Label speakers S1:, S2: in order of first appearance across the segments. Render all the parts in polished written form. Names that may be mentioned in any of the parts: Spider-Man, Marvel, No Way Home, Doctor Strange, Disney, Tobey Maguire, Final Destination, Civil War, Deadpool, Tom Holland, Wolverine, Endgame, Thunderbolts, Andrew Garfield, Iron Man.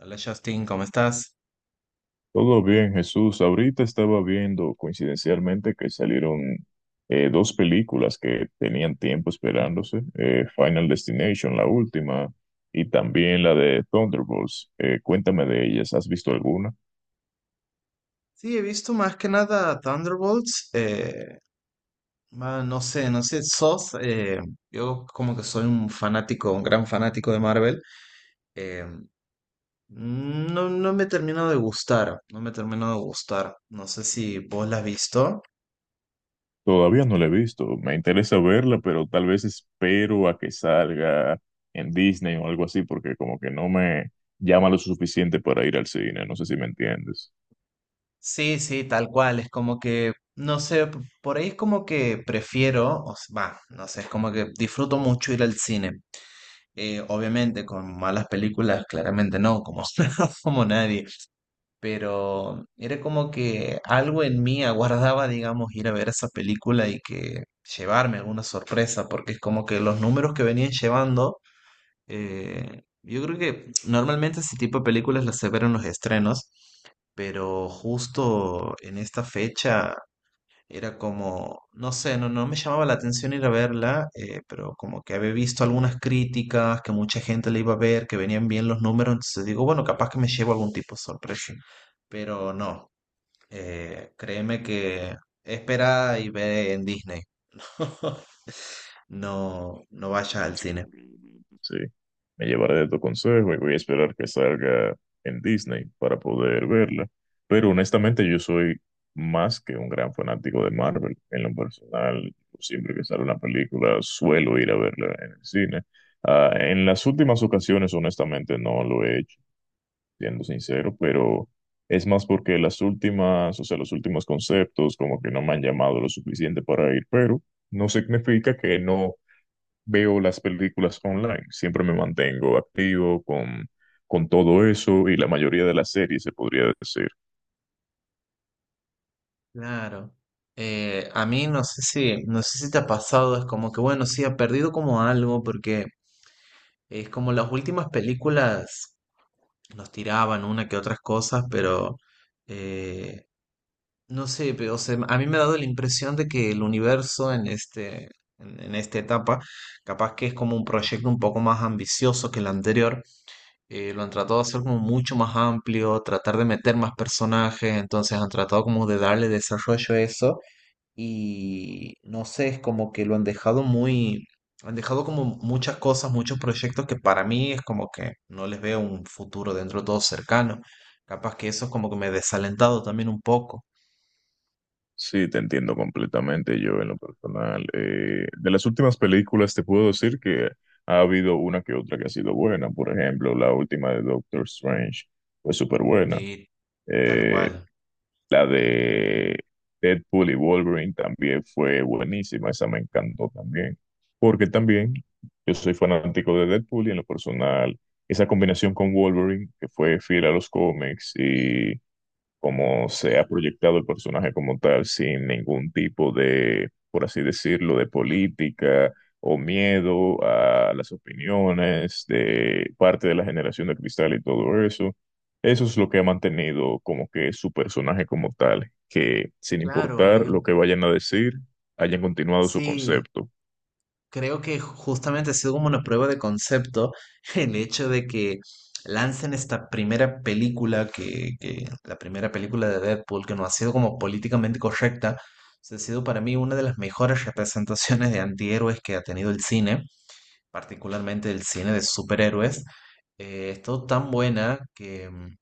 S1: Hola Justin, ¿cómo estás?
S2: Todo bien, Jesús. Ahorita estaba viendo coincidencialmente que salieron dos películas que tenían tiempo esperándose, Final Destination, la última, y también la de Thunderbolts. Cuéntame de ellas, ¿has visto alguna?
S1: Sí, he visto más que nada Thunderbolts. No sé, sos. Yo como que soy un fanático, un gran fanático de Marvel. eh, no, no me termino de gustar, no me termino de gustar. No sé si vos la has visto.
S2: Todavía no la he visto, me interesa verla, pero tal vez espero a que salga en Disney o algo así, porque como que no me llama lo suficiente para ir al cine, no sé si me entiendes.
S1: Sí, sí, tal cual. Es como que, no sé, por ahí es como que prefiero, va, no sé, es como que disfruto mucho ir al cine. Obviamente con malas películas, claramente no, como, como nadie, pero era como que algo en mí aguardaba, digamos, ir a ver esa película y que llevarme alguna sorpresa, porque es como que los números que venían llevando, yo creo que normalmente ese tipo de películas las se ven en los estrenos, pero justo en esta fecha era como, no sé, no, no me llamaba la atención ir a verla, pero como que había visto algunas críticas, que mucha gente le iba a ver, que venían bien los números, entonces digo, bueno, capaz que me llevo algún tipo de sorpresa. Pero no, créeme que espera y ve en Disney. No, no
S2: De
S1: vayas
S2: tu
S1: al
S2: consejo,
S1: cine.
S2: realmente. Sí, me llevaré de tu consejo y voy a esperar que salga en Disney para poder verla. Pero honestamente yo soy más que un gran fanático de Marvel. En lo personal, siempre que sale una película suelo ir a verla en el cine. Ah, en las últimas ocasiones, honestamente, no lo he hecho, siendo sincero, pero es más porque las últimas, o sea, los últimos conceptos como que no me han llamado lo suficiente para ir, pero no significa que no veo las películas online. Siempre me mantengo activo con todo eso y la mayoría de las series, se podría decir.
S1: Claro. A mí no sé si, no sé si te ha pasado, es como que bueno, sí, ha perdido como algo, porque es como las últimas películas nos tiraban una que otras cosas, pero eh, no sé, pero o sea, a mí me ha dado la impresión de que el universo en este, en esta etapa, capaz que es como un proyecto un poco más ambicioso que el anterior. Lo han tratado de hacer como mucho más amplio, tratar de meter más personajes, entonces han tratado como de darle desarrollo a eso y no sé, es como que lo han dejado muy, han dejado como muchas cosas, muchos proyectos que para mí es como que no les veo un futuro dentro de todo cercano. Capaz que eso es como que me he desalentado también un poco.
S2: Sí, te entiendo completamente yo en lo personal. De las últimas películas te puedo decir que ha habido una que otra que ha sido buena. Por ejemplo, la última de Doctor Strange fue súper buena.
S1: Sí, tal cual.
S2: La de Deadpool y Wolverine también fue buenísima, esa me encantó también, porque también yo soy fanático de Deadpool y en lo personal, esa combinación con Wolverine, que fue fiel a los cómics y como se ha proyectado el personaje como tal, sin ningún tipo de, por así decirlo, de política o miedo a las opiniones de parte de la generación de cristal y todo eso. Eso es lo que ha mantenido como que su personaje como tal, que sin
S1: Claro,
S2: importar
S1: yo
S2: lo que vayan a decir, hayan continuado su
S1: sí.
S2: concepto.
S1: Creo que justamente ha sido como una prueba de concepto el hecho de que lancen esta primera película, que la primera película de Deadpool, que no ha sido como políticamente correcta, se ha sido para mí una de las mejores representaciones de antihéroes que ha tenido el cine, particularmente el cine de superhéroes. Ha estado tan buena que mm,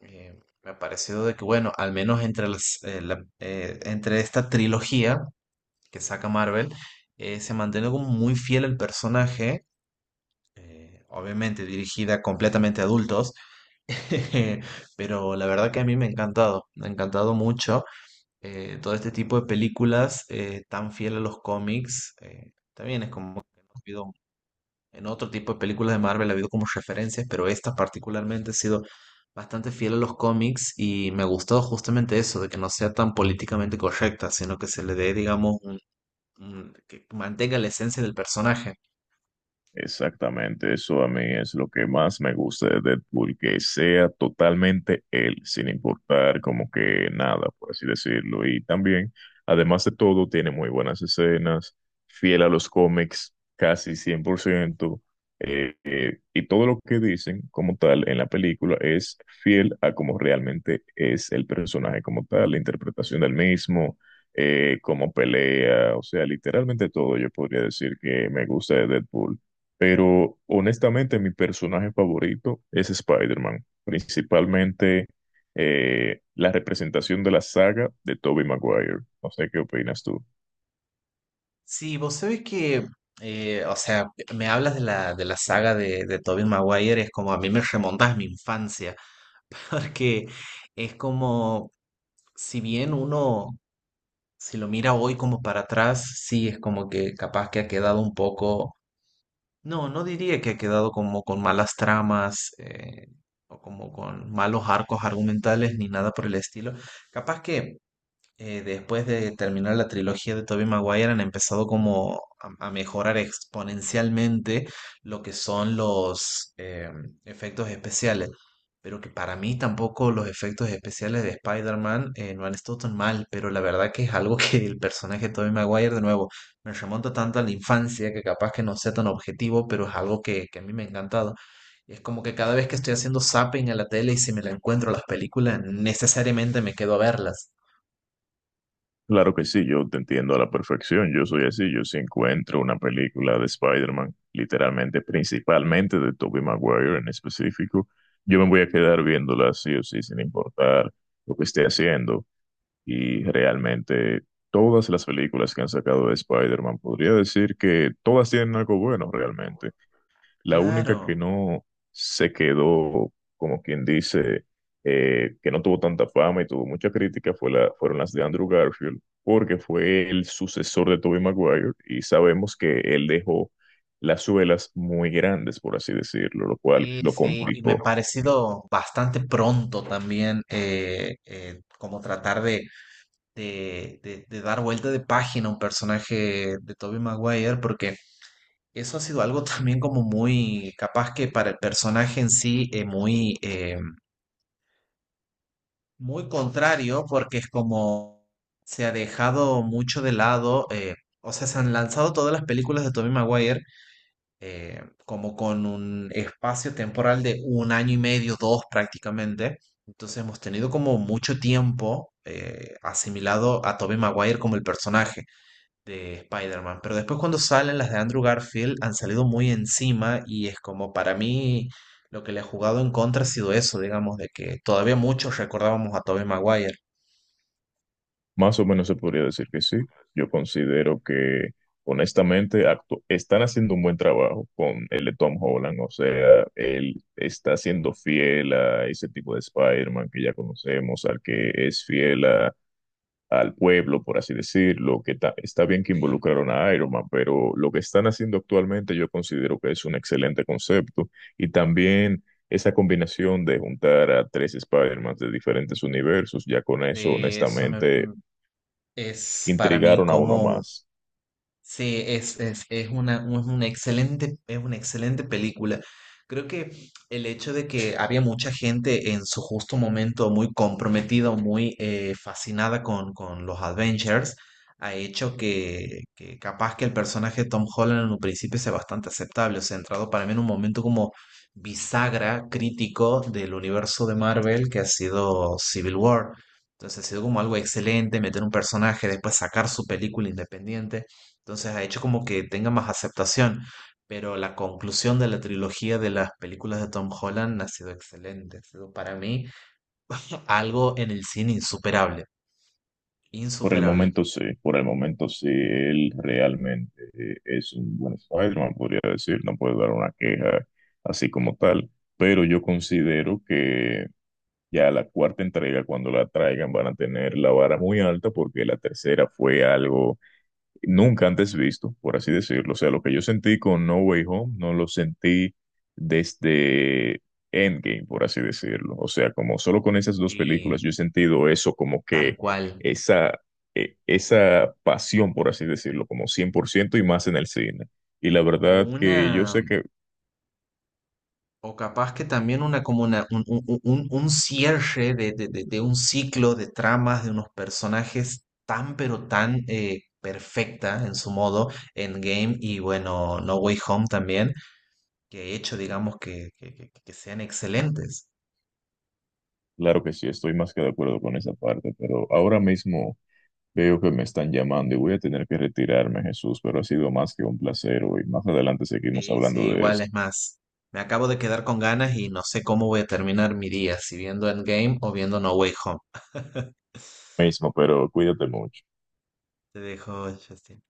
S1: eh, me ha parecido de que, bueno, al menos entre, las, entre esta trilogía que saca Marvel, se mantiene como muy fiel al personaje, obviamente dirigida completamente a adultos, pero la verdad que a mí me ha encantado mucho todo este tipo de películas tan fiel a los cómics. También es como que no ha habido, en otro tipo de películas de Marvel ha habido como referencias, pero esta particularmente ha sido bastante fiel a los cómics y me ha gustado justamente eso, de que no sea tan políticamente correcta, sino que se le dé, digamos, que mantenga la esencia del personaje.
S2: Exactamente, eso a mí es lo que más me gusta de Deadpool, que sea totalmente él, sin importar como que nada, por así decirlo. Y también, además de todo, tiene muy buenas escenas, fiel a los cómics, casi 100%, y todo lo que dicen como tal en la película es fiel a como realmente es el personaje como tal, la interpretación del mismo, cómo pelea, o sea, literalmente todo yo podría decir que me gusta de Deadpool. Pero honestamente, mi personaje favorito es Spider-Man, principalmente la representación de la saga de Tobey Maguire. No sé qué opinas tú.
S1: Sí, vos sabés que, o sea, me hablas de la saga de Tobey Maguire, es como a mí me remontas a mi infancia, porque es como, si bien uno, si lo mira hoy como para atrás, sí, es como que capaz que ha quedado un poco, no, no diría que ha quedado como con malas tramas, o como con malos arcos argumentales, ni nada por el estilo. Capaz que después de terminar la trilogía de Tobey Maguire han empezado como a mejorar exponencialmente lo que son los efectos especiales. Pero que para mí tampoco los efectos especiales de Spider-Man no han estado tan mal, pero la verdad que es algo que el personaje de Tobey Maguire, de nuevo, me remonta tanto a la infancia que capaz que no sea tan objetivo, pero es algo que a mí me ha encantado. Y es como que cada vez que estoy haciendo zapping a la tele y si me la encuentro a las películas, necesariamente me quedo a verlas.
S2: Claro que sí, yo te entiendo a la perfección. Yo soy así. Yo si encuentro una película de Spider-Man, literalmente, principalmente de Tobey Maguire en específico, yo me voy a quedar viéndola sí o sí, sin importar lo que esté haciendo. Y realmente todas las películas que han sacado de Spider-Man, podría decir que todas tienen algo bueno realmente. La única que
S1: Claro,
S2: no se quedó, como quien dice, que no tuvo tanta fama y tuvo mucha crítica fueron las de Andrew Garfield, porque fue el sucesor de Tobey Maguire y sabemos que él dejó las suelas muy grandes, por así decirlo, lo cual
S1: sí,
S2: lo
S1: sí, y me ha
S2: complicó.
S1: parecido bastante pronto también como tratar de, de dar vuelta de página a un personaje de Tobey Maguire, porque eso ha sido algo también como muy capaz que para el personaje en sí muy, muy contrario, porque es como se ha dejado mucho de lado, o sea, se han lanzado todas las películas de Tobey Maguire como con un espacio temporal de un año y medio, dos prácticamente. Entonces hemos tenido como mucho tiempo asimilado a Tobey Maguire como el personaje de Spider-Man. Pero después cuando salen las de Andrew Garfield han salido muy encima y es como para mí lo que le ha jugado en contra ha sido eso, digamos, de que todavía muchos recordábamos a Tobey Maguire.
S2: Más o menos se podría decir que sí. Yo considero que, honestamente, están haciendo un buen trabajo con el de Tom Holland. O sea, él está siendo fiel a ese tipo de Spider-Man que ya conocemos, al que es al pueblo, por así decirlo. Que está bien que
S1: Sí,
S2: involucraron a Iron Man, pero lo que están haciendo actualmente yo considero que es un excelente concepto. Y también... Esa combinación de juntar a tres Spider-Man de diferentes universos, ya con eso,
S1: sí, eso me-
S2: honestamente,
S1: mm, es para mí
S2: intrigaron a uno
S1: como
S2: más.
S1: sí, es una excelente película. Creo que el hecho de que había mucha gente en su justo momento muy comprometida, o muy fascinada con los adventures, ha hecho que capaz que el personaje de Tom Holland en un principio sea bastante aceptable. O sea, ha entrado para mí en un momento como bisagra crítico del universo de Marvel que ha sido Civil War. Entonces ha sido como algo excelente meter un personaje, después sacar su película independiente. Entonces ha hecho como que tenga más aceptación, pero la conclusión de la trilogía de las películas de Tom Holland ha sido excelente, ha sido para mí algo en el cine insuperable,
S2: Por el
S1: insuperable.
S2: momento sí, por el momento sí, él realmente es un buen Spider-Man, podría decir, no puedo dar una queja así como tal, pero yo considero que ya la cuarta entrega, cuando la traigan, van a tener la vara muy alta porque la tercera fue algo nunca antes visto, por así decirlo. O sea, lo que yo sentí con No Way Home no lo sentí desde Endgame, por así decirlo. O sea, como solo con esas dos
S1: Sí,
S2: películas yo he sentido eso, como
S1: tal
S2: que
S1: cual.
S2: esa, esa pasión, por así decirlo, como 100% y más en el cine. Y la
S1: O
S2: verdad que yo
S1: una,
S2: sé que,
S1: o capaz que también una como una, un cierre de, de un ciclo de tramas de unos personajes tan pero tan perfecta en su modo, Endgame y bueno, No Way Home también, que he hecho, digamos, que, que sean excelentes.
S2: claro que sí, estoy más que de acuerdo con esa parte, pero ahora mismo... Veo que me están llamando y voy a tener que retirarme, Jesús, pero ha sido más que un placer hoy. Más adelante seguimos
S1: Sí, sí,
S2: hablando de
S1: igual
S2: esto.
S1: es más. Me acabo de quedar con ganas y no sé cómo voy a terminar mi día, si viendo Endgame o viendo No Way Home.
S2: Mismo, pero cuídate mucho.
S1: Te dejo, Justin.